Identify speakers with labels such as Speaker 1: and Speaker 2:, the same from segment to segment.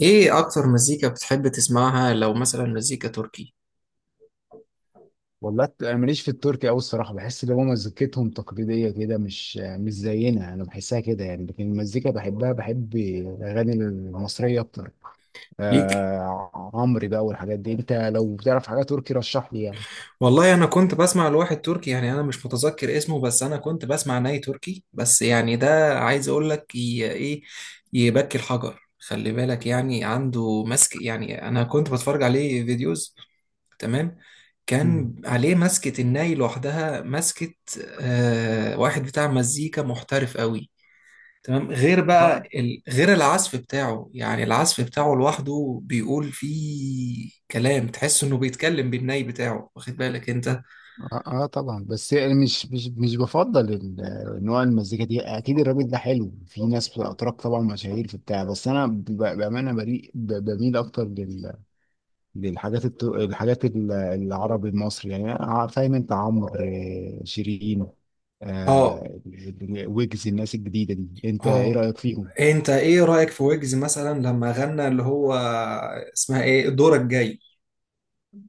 Speaker 1: ايه اكتر مزيكا بتحب تسمعها لو مثلا مزيكا تركي
Speaker 2: والله انا ماليش في التركي قوي الصراحه، بحس ان هو مزيكتهم تقليديه كده، مش زينا، انا بحسها كده يعني، لكن المزيكا بحبها، بحب الاغاني المصريه اكتر.
Speaker 1: ليك؟
Speaker 2: آه عمرو بقى والحاجات دي، انت لو بتعرف حاجه تركي رشح لي يعني.
Speaker 1: والله انا كنت بسمع لواحد تركي، يعني انا مش متذكر اسمه، بس انا كنت بسمع ناي تركي بس، يعني ده عايز اقول لك ايه، يبكي الحجر. خلي بالك، يعني عنده مسك. يعني انا كنت بتفرج عليه فيديوز. تمام.
Speaker 2: مم.
Speaker 1: كان عليه مسكة الناي لوحدها، مسكة. آه، واحد بتاع مزيكا محترف قوي. تمام. غير بقى
Speaker 2: اه
Speaker 1: ال... غير العزف بتاعه، يعني العزف بتاعه لوحده بيقول فيه كلام تحس انه بيتكلم بالناي بتاعه، واخد بالك انت؟
Speaker 2: اه آه طبعا، بس يعني مش بفضل نوع المزيكا دي، اكيد الراجل ده حلو، في ناس بتبقى اتراك طبعا مشاهير في بتاع، بس انا بامانه بريء، بميل اكتر للحاجات الحاجات العربي المصري يعني، آه، فاهم انت عمرو، آه، شيرين،
Speaker 1: اه،
Speaker 2: آه، ويجز، الناس الجديده دي، انت ايه
Speaker 1: اه،
Speaker 2: رايك فيهم؟
Speaker 1: انت ايه رأيك في ويجز مثلا لما غنى اللي هو اسمها ايه؟ دورك جاي.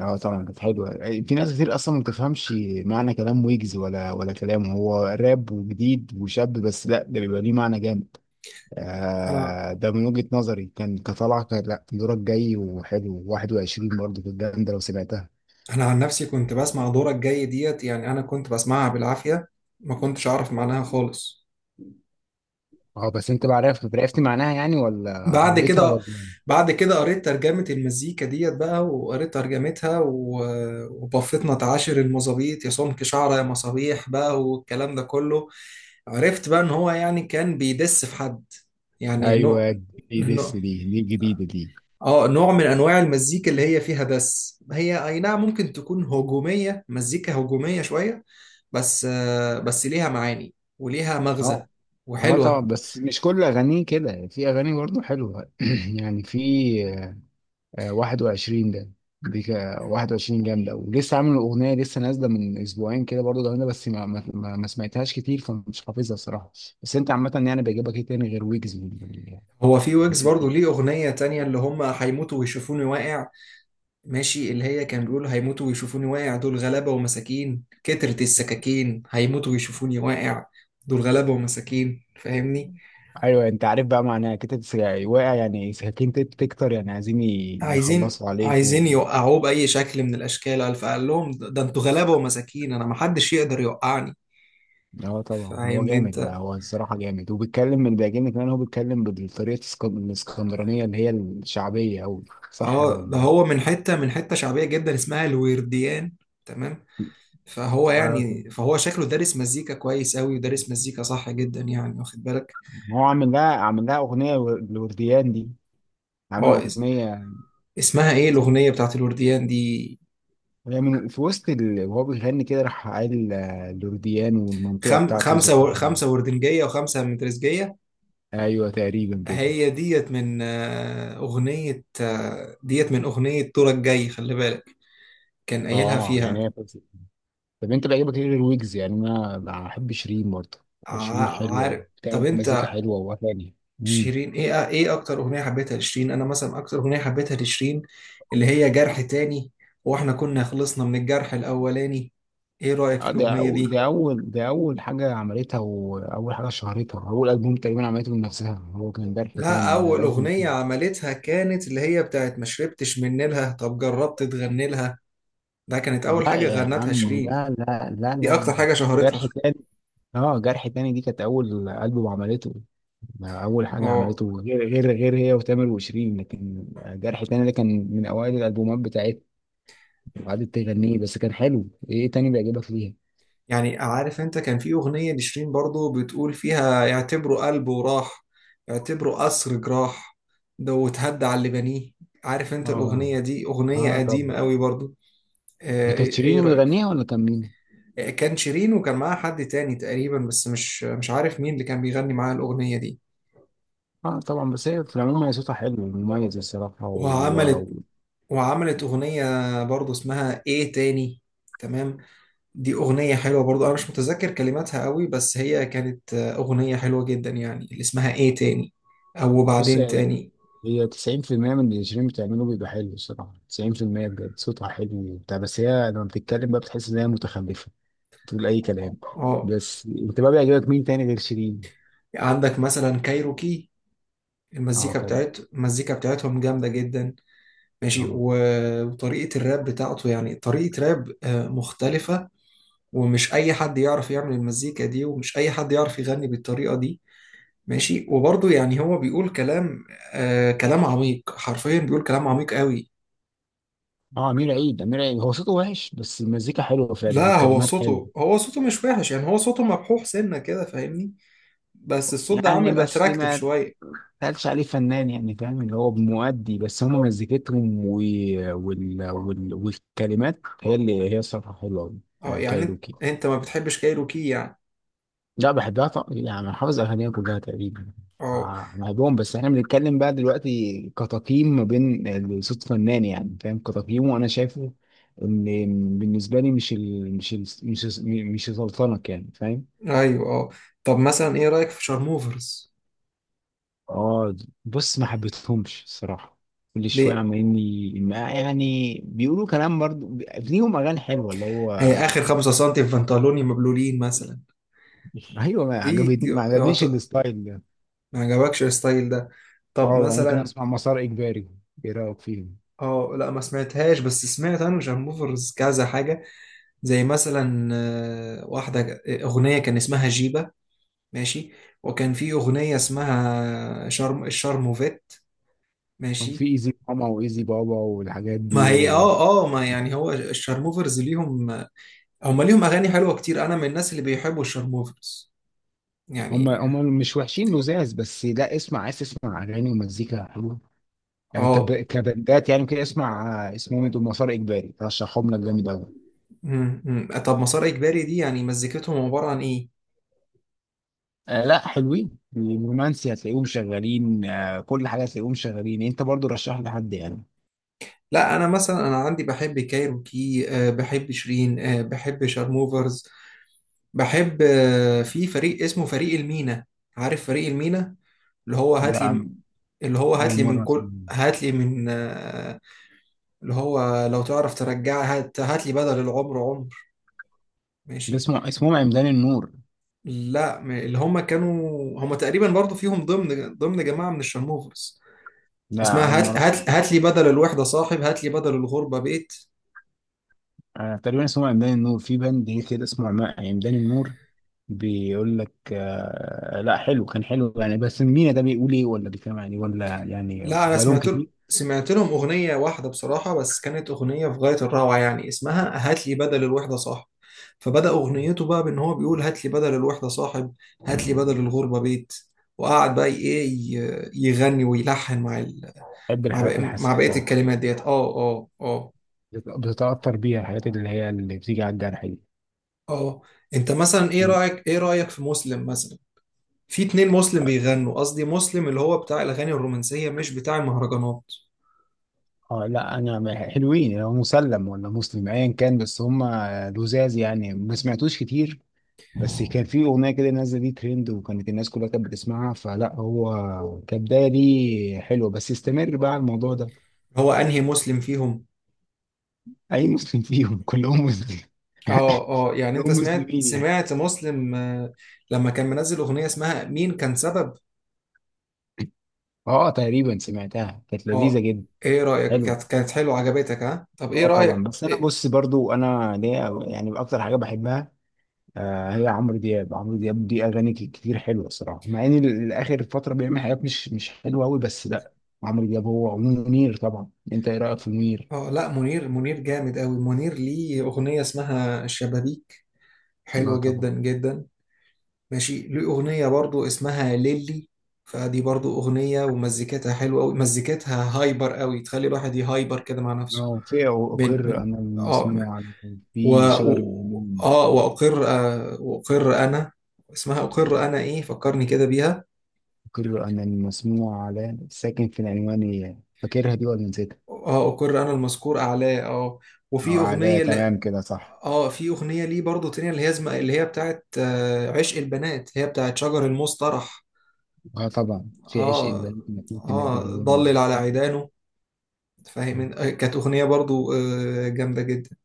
Speaker 2: اه طبعا كانت حلوه. في ناس كتير اصلا ما بتفهمش معنى كلام ويجز، ولا كلامه، هو راب وجديد وشاب بس لا، ده بيبقى ليه معنى جامد.
Speaker 1: انا
Speaker 2: آه ده من وجهه نظري، كان كطلع كان لا دورك جاي وحلو، 21 برضه كانت جامده لو سمعتها.
Speaker 1: انا عن نفسي كنت بسمع دورك جاي ديت، يعني انا كنت بسمعها بالعافية. ما كنتش اعرف معناها خالص.
Speaker 2: اه بس انت بقى عرفت عرفت معناها يعني، ولا
Speaker 1: بعد
Speaker 2: حبيتها
Speaker 1: كده،
Speaker 2: ولا؟
Speaker 1: قريت ترجمة المزيكا ديت بقى وقريت ترجمتها و- وبفتنا تعاشر المظابيط يا سمك شعرة يا مصابيح بقى، والكلام ده كله. عرفت بقى ان هو يعني كان بيدس في حد، يعني
Speaker 2: ايوه جديد
Speaker 1: نوع
Speaker 2: لسه، دي جديده دي.
Speaker 1: اه نوع من انواع المزيكا اللي هي فيها دس، هي اي نعم ممكن تكون هجومية، مزيكا هجومية شوية. بس ليها معاني، وليها مغزى،
Speaker 2: اه اه طبعا،
Speaker 1: وحلوة.
Speaker 2: بس مش كل اغانيه كده، في اغاني برضه حلوه يعني في، آه، 21 ده، دي 21 جامده، ولسه عامل اغنيه لسه نازله من اسبوعين كده برضه جامده، بس ما سمعتهاش كتير فمش حافظها الصراحه. بس انت عامه يعني بيعجبك ايه تاني غير ويجز من
Speaker 1: هو في ويجز
Speaker 2: الناس
Speaker 1: برضو
Speaker 2: دي؟
Speaker 1: ليه أغنية تانية اللي هم هيموتوا ويشوفوني واقع. ماشي، اللي هي كان بيقولوا: هيموتوا ويشوفوني واقع، دول غلابة ومساكين، كترت السكاكين، هيموتوا ويشوفوني واقع، دول غلابة ومساكين. فاهمني؟
Speaker 2: ايوه انت عارف بقى معناها كده. واقع يعني ساكن، تكتر يعني عايزين
Speaker 1: عايزين
Speaker 2: يخلصوا عليك.
Speaker 1: عايزين يوقعوه بأي شكل من الأشكال، فقال لهم: ده انتوا غلابة ومساكين، أنا محدش يقدر يوقعني.
Speaker 2: اه طبعا هو
Speaker 1: فاهمني
Speaker 2: جامد بقى،
Speaker 1: أنت؟
Speaker 2: هو الصراحه جامد وبيتكلم، من بيعجبني كمان هو بيتكلم بالطريقه الاسكندرانيه اللي هي الشعبيه، او صح
Speaker 1: اه، ده
Speaker 2: ولا؟
Speaker 1: هو من حتة شعبية جدا اسمها الورديان. تمام. فهو
Speaker 2: أيوة طبعا.
Speaker 1: يعني فهو شكله دارس مزيكا كويس أوي، ودارس مزيكا صح جدا يعني، واخد بالك؟
Speaker 2: هو عامل لها اغنيه لورديان دي، عامل
Speaker 1: اه،
Speaker 2: اغنيه.
Speaker 1: اسمها ايه
Speaker 2: سم-
Speaker 1: الاغنيه بتاعت الورديان دي؟
Speaker 2: هي من في وسط وهو بيغني كده راح قال، آه، لورديان والمنطقه بتاعته ذكرنا.
Speaker 1: 5 وردنجية وخمسة مترزجية.
Speaker 2: ايوه تقريبا كده.
Speaker 1: هي ديت من آه، أغنية آه، ديت من أغنية دورك جاي، خلي بالك، كان قايلها
Speaker 2: اه يعني
Speaker 1: فيها.
Speaker 2: هي فوزي. طب انت بيعجبك ايه غير ويجز يعني؟ انا بحب شيرين برضه، شيرين حلوه
Speaker 1: عارف. طب
Speaker 2: وبتعمل مزيكا
Speaker 1: أنت،
Speaker 2: حلوه واغاني.
Speaker 1: شيرين إيه، أكتر أغنية حبيتها لشيرين؟ أنا مثلا أكتر أغنية حبيتها لشيرين اللي هي جرح تاني، وإحنا كنا خلصنا من الجرح الأولاني. إيه رأيك في
Speaker 2: آه، ده
Speaker 1: الأغنية دي؟
Speaker 2: ده اول حاجه عملتها، واول حاجه شهرتها، اول البوم تقريبا عملته بنفسها، هو كان جرح
Speaker 1: لا،
Speaker 2: تاني، ده
Speaker 1: أول
Speaker 2: ألبوم
Speaker 1: أغنية
Speaker 2: تاني.
Speaker 1: عملتها كانت اللي هي بتاعت ما شربتش من نيلها طب جربت تغني لها. ده كانت أول
Speaker 2: لا
Speaker 1: حاجة
Speaker 2: يا
Speaker 1: غنتها
Speaker 2: عم،
Speaker 1: شيرين،
Speaker 2: لا لا لا
Speaker 1: دي اكتر
Speaker 2: لا،
Speaker 1: حاجه
Speaker 2: جرح
Speaker 1: شهرتها.
Speaker 2: تاني. اه جرح تاني دي كانت اول البوم عملته، ده اول حاجه
Speaker 1: اه،
Speaker 2: عملته غير هي وتامر وشيرين، لكن جرح تاني ده كان من اوائل الالبومات بتاعتها، وقعدت تغنيه بس كان حلو. ايه تاني بيعجبك فيها؟
Speaker 1: يعني عارف انت، كان في اغنيه لشيرين برضو بتقول فيها: يعتبروا قلبه راح، يعتبروا قصر جراح، ده وتهدى على اللي بنيه. عارف انت
Speaker 2: اه
Speaker 1: الاغنيه دي؟ اغنيه
Speaker 2: اه
Speaker 1: قديمه
Speaker 2: طبعا.
Speaker 1: قوي برضو.
Speaker 2: ده كانت
Speaker 1: ايه،
Speaker 2: شيرين اللي
Speaker 1: رايك؟
Speaker 2: بتغنيها، ولا كان مين؟
Speaker 1: كان شيرين وكان معاها حد تاني تقريبا، بس مش عارف مين اللي كان بيغني معاها الاغنيه دي.
Speaker 2: اه طبعا، بس هي في العموم هي صوتها حلو ومميز الصراحة،
Speaker 1: وعملت وعملت اغنيه برضو اسمها ايه تاني. تمام. دي أغنية حلوة برضو. أنا مش متذكر كلماتها قوي، بس هي كانت أغنية حلوة جدا يعني، اللي اسمها إيه تاني، أو
Speaker 2: وبص،
Speaker 1: وبعدين
Speaker 2: هي
Speaker 1: تاني.
Speaker 2: هي 90% من اللي شيرين بتعمله بيبقى حلو الصراحة، 90% بجد صوتها حلو وبتاع، بس هي لما بتتكلم بقى بتحس إن هي متخلفة، بتقول أي كلام.
Speaker 1: اه،
Speaker 2: بس أنت بقى بيعجبك مين تاني غير شيرين؟
Speaker 1: عندك مثلا كايروكي،
Speaker 2: اه طبعا
Speaker 1: المزيكا بتاعتهم جامدة جدا. ماشي،
Speaker 2: طبعا
Speaker 1: و- وطريقة الراب بتاعته يعني، طريقة راب مختلفة. ومش أي حد يعرف يعمل المزيكا دي، ومش أي حد يعرف يغني بالطريقة دي. ماشي، وبرضه يعني هو بيقول كلام، كلام عميق، حرفيا بيقول كلام عميق قوي.
Speaker 2: اه أمير عيد، أمير عيد هو صوته وحش بس المزيكا حلوة فعلا
Speaker 1: لا، هو
Speaker 2: والكلمات حلوة،
Speaker 1: صوته هو صوته مش وحش يعني، هو صوته مبحوح سنة كده، فاهمني؟ بس الصوت ده
Speaker 2: يعني
Speaker 1: عامل
Speaker 2: بس
Speaker 1: اتراكتيف
Speaker 2: ما
Speaker 1: شوية.
Speaker 2: قالش عليه فنان، يعني فاهم اللي هو مؤدي، بس هم مزيكتهم والكلمات هي اللي هي الصراحة حلوة أوي.
Speaker 1: اه،
Speaker 2: آه،
Speaker 1: يعني انت
Speaker 2: كايروكي،
Speaker 1: انت ما بتحبش كايروكي يعني؟
Speaker 2: لا بحبها طبعا يعني، أنا حافظ أغانيها كلها تقريبا.
Speaker 1: اه.
Speaker 2: آه، بحبهم، بس احنا بنتكلم بقى دلوقتي كتقييم ما بين صوت فنان، يعني فاهم كتقييمه، وأنا شايفه إن بالنسبة لي مش ال... مش ال... مش مش سلطنة، يعني فاهم.
Speaker 1: ايوه. اه. طب مثلا ايه رأيك في شارموفرز؟
Speaker 2: اه بص، ما حبيتهمش الصراحه، كل شويه
Speaker 1: ليه؟
Speaker 2: عمالين يعني بيقولوا كلام، برضه ليهم اغاني حلوه اللي هو.
Speaker 1: هي اخر 5 سنتي في بنطلوني مبلولين مثلا.
Speaker 2: ايوه ما
Speaker 1: دي ك-
Speaker 2: عجبتني، ما
Speaker 1: يعت-
Speaker 2: عجبنيش الستايل ده.
Speaker 1: ما عجبكش الستايل ده؟ طب
Speaker 2: اه ممكن
Speaker 1: مثلا،
Speaker 2: اسمع مسار اجباري، ايه رايك فيهم؟
Speaker 1: اه لا، ما سمعتهاش، بس سمعت انا شارموفرز كذا حاجة، زي مثلا واحدة، اغنية كان اسمها جيبة. ماشي. وكان في أغنية اسمها شرم الشرموفيت.
Speaker 2: كان في
Speaker 1: ماشي.
Speaker 2: ايزي ماما وايزي بابا والحاجات
Speaker 1: ما
Speaker 2: دي
Speaker 1: هي،
Speaker 2: و...
Speaker 1: ما يعني هو الشارموفرز ليهم، هم ليهم اغاني حلوه كتير، انا من الناس اللي بيحبوا الشارموفرز
Speaker 2: هم
Speaker 1: يعني.
Speaker 2: هم مش وحشين لزاز، بس لا اسمع، عايز تسمع اغاني ومزيكا حلوه يعني،
Speaker 1: اه.
Speaker 2: كبندات يعني كده، اسمع، آه، اسمهم إيه دول، مسار اجباري، رشحهم لك جامد قوي.
Speaker 1: مم، مم. طب مسار اجباري دي يعني مزيكتهم عباره عن ايه؟
Speaker 2: آه لا حلوين، الرومانسي هتلاقيهم شغالين، آه كل حاجه هتلاقيهم شغالين. انت برضو رشح لحد يعني.
Speaker 1: لا، انا مثلا عندي بحب كايروكي، بحب شيرين، بحب شارموفرز، بحب، في فريق اسمه فريق المينا. عارف فريق المينا؟ اللي هو
Speaker 2: ده
Speaker 1: هات لي،
Speaker 2: عن-
Speaker 1: اللي هو هات
Speaker 2: اول
Speaker 1: لي من
Speaker 2: مره
Speaker 1: كل،
Speaker 2: اسمع.
Speaker 1: هات لي من آه، اللي هو لو تعرف ترجعها، هات لي بدل العمر عمر.
Speaker 2: ده
Speaker 1: ماشي.
Speaker 2: اسمهم عمدان النور.
Speaker 1: لا، اللي هم كانوا، هم تقريبا برضو فيهم، ضمن جماعة من الشرموفرز.
Speaker 2: لا
Speaker 1: اسمها
Speaker 2: اول
Speaker 1: هات
Speaker 2: مره اسمع.
Speaker 1: هات هات لي بدل الوحدة صاحب، هات لي بدل الغربة بيت.
Speaker 2: آه تقريبا اسمهم عمدان النور، في بند هي كده اسمه عمدان النور، بيقول لك، آه لا حلو كان حلو يعني، بس مين ده، بيقول ايه، ولا بيتكلم عن ايه، ولا يعني
Speaker 1: لا، انا
Speaker 2: بقالهم
Speaker 1: سمعت ل-
Speaker 2: كتير.
Speaker 1: سمعت لهم اغنيه واحده بصراحه، بس كانت اغنيه في غايه الروعه يعني، اسمها هات لي بدل الوحده صاحب. فبدا اغنيته بقى بان هو بيقول: هات لي بدل الوحده صاحب، هات لي بدل الغربه بيت. وقعد بقى ايه، يغني ويلحن مع
Speaker 2: بحب الحاجات الحساسه
Speaker 1: بقيه
Speaker 2: انت،
Speaker 1: الكلمات ديت. اه
Speaker 2: بتتاثر بيها الحاجات اللي هي اللي بتيجي على الجرح
Speaker 1: اه، انت مثلا ايه
Speaker 2: دي.
Speaker 1: رايك ايه رايك في مسلم مثلا؟ في 2 مسلم بيغنوا، قصدي مسلم اللي هو بتاع الاغاني الرومانسيه، مش بتاع المهرجانات.
Speaker 2: اه لا انا حلوين، لو مسلم ولا مسلم ايا كان، بس هم لزاز يعني ما سمعتوش كتير، بس كان في اغنيه كده نازله دي ترند، وكانت الناس كلها كانت بتسمعها، فلا هو كبدايه دي حلوه بس استمر بقى على الموضوع ده.
Speaker 1: هو انهي مسلم فيهم؟
Speaker 2: اي مسلم فيهم، كلهم مسلم
Speaker 1: اه، اه، يعني انت
Speaker 2: كلهم
Speaker 1: سمعت
Speaker 2: مسلمين يعني.
Speaker 1: سمعت مسلم لما كان منزل اغنية اسمها مين كان سبب.
Speaker 2: اه تقريبا سمعتها كانت لذيذه
Speaker 1: اه،
Speaker 2: جدا.
Speaker 1: ايه رأيك؟
Speaker 2: حلوه
Speaker 1: كانت حلوة عجبتك، ها؟ طب ايه
Speaker 2: اه طبعا،
Speaker 1: رأيك
Speaker 2: بس انا
Speaker 1: إيه؟
Speaker 2: بص برضو، انا ليا يعني اكتر حاجه بحبها، آه، هي عمرو دياب. عمرو دياب دي اغاني كتير حلوه الصراحه، مع ان الاخر فتره بيعمل حاجات مش حلوه قوي بس لا. عمرو دياب هو منير طبعا. انت ايه رايك في منير؟
Speaker 1: اه لا، منير جامد قوي، منير ليه اغنية اسمها الشبابيك،
Speaker 2: اه
Speaker 1: حلوة جدا
Speaker 2: طبعا.
Speaker 1: جدا. ماشي، ليه اغنية برضو اسمها ليلي، فدي برضو اغنية ومزيكتها حلوة قوي، مزيكتها هايبر قوي، تخلي الواحد يهايبر كده مع نفسه.
Speaker 2: اه في
Speaker 1: بين
Speaker 2: اقر
Speaker 1: من-
Speaker 2: انا
Speaker 1: اه
Speaker 2: المسموع على،
Speaker 1: و...
Speaker 2: في شجر
Speaker 1: و...
Speaker 2: المؤمنين،
Speaker 1: اه، واقر انا. اسمها اقر انا ايه فكرني كده بيها.
Speaker 2: اقر انا المسموع على ساكن في العنوان، فاكرها دي ولا نسيتها؟
Speaker 1: اه، اقر انا المذكور اعلاه. اه.
Speaker 2: اه
Speaker 1: وفي
Speaker 2: على
Speaker 1: اغنيه
Speaker 2: تمام كده صح.
Speaker 1: اه، في اغنيه ليه برضو تانية اللي هي بتاعت عشق البنات، هي بتاعت شجر المصطرح.
Speaker 2: اه طبعا، في عشق
Speaker 1: اه،
Speaker 2: اللي ممكن يكون في
Speaker 1: اه،
Speaker 2: نابليون.
Speaker 1: ضلل على عيدانه، فاهم؟ كانت اغنيه برضو جامده جدا.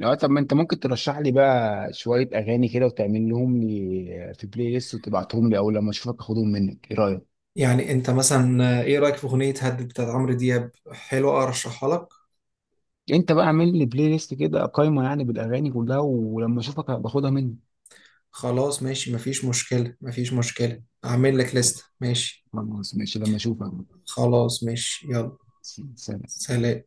Speaker 2: اه طب ما انت ممكن ترشح لي بقى شوية اغاني كده، وتعمل لهم لي في بلاي ليست وتبعتهم لي، او لما اشوفك اخدهم منك، ايه رأيك؟
Speaker 1: يعني انت مثلا، ايه رايك في اغنيه هدد بتاعت عمرو دياب؟ حلوه، ارشحها لك.
Speaker 2: انت بقى اعمل لي بلاي ليست كده، قايمة يعني بالاغاني كلها، ولما اشوفك باخدها منك.
Speaker 1: خلاص ماشي، مفيش مشكلة، مفيش مشكلة، أعمل لك لستة، ماشي.
Speaker 2: خلاص ماشي لما اشوفك.
Speaker 1: خلاص ماشي، يلا.
Speaker 2: سلام.
Speaker 1: سلام.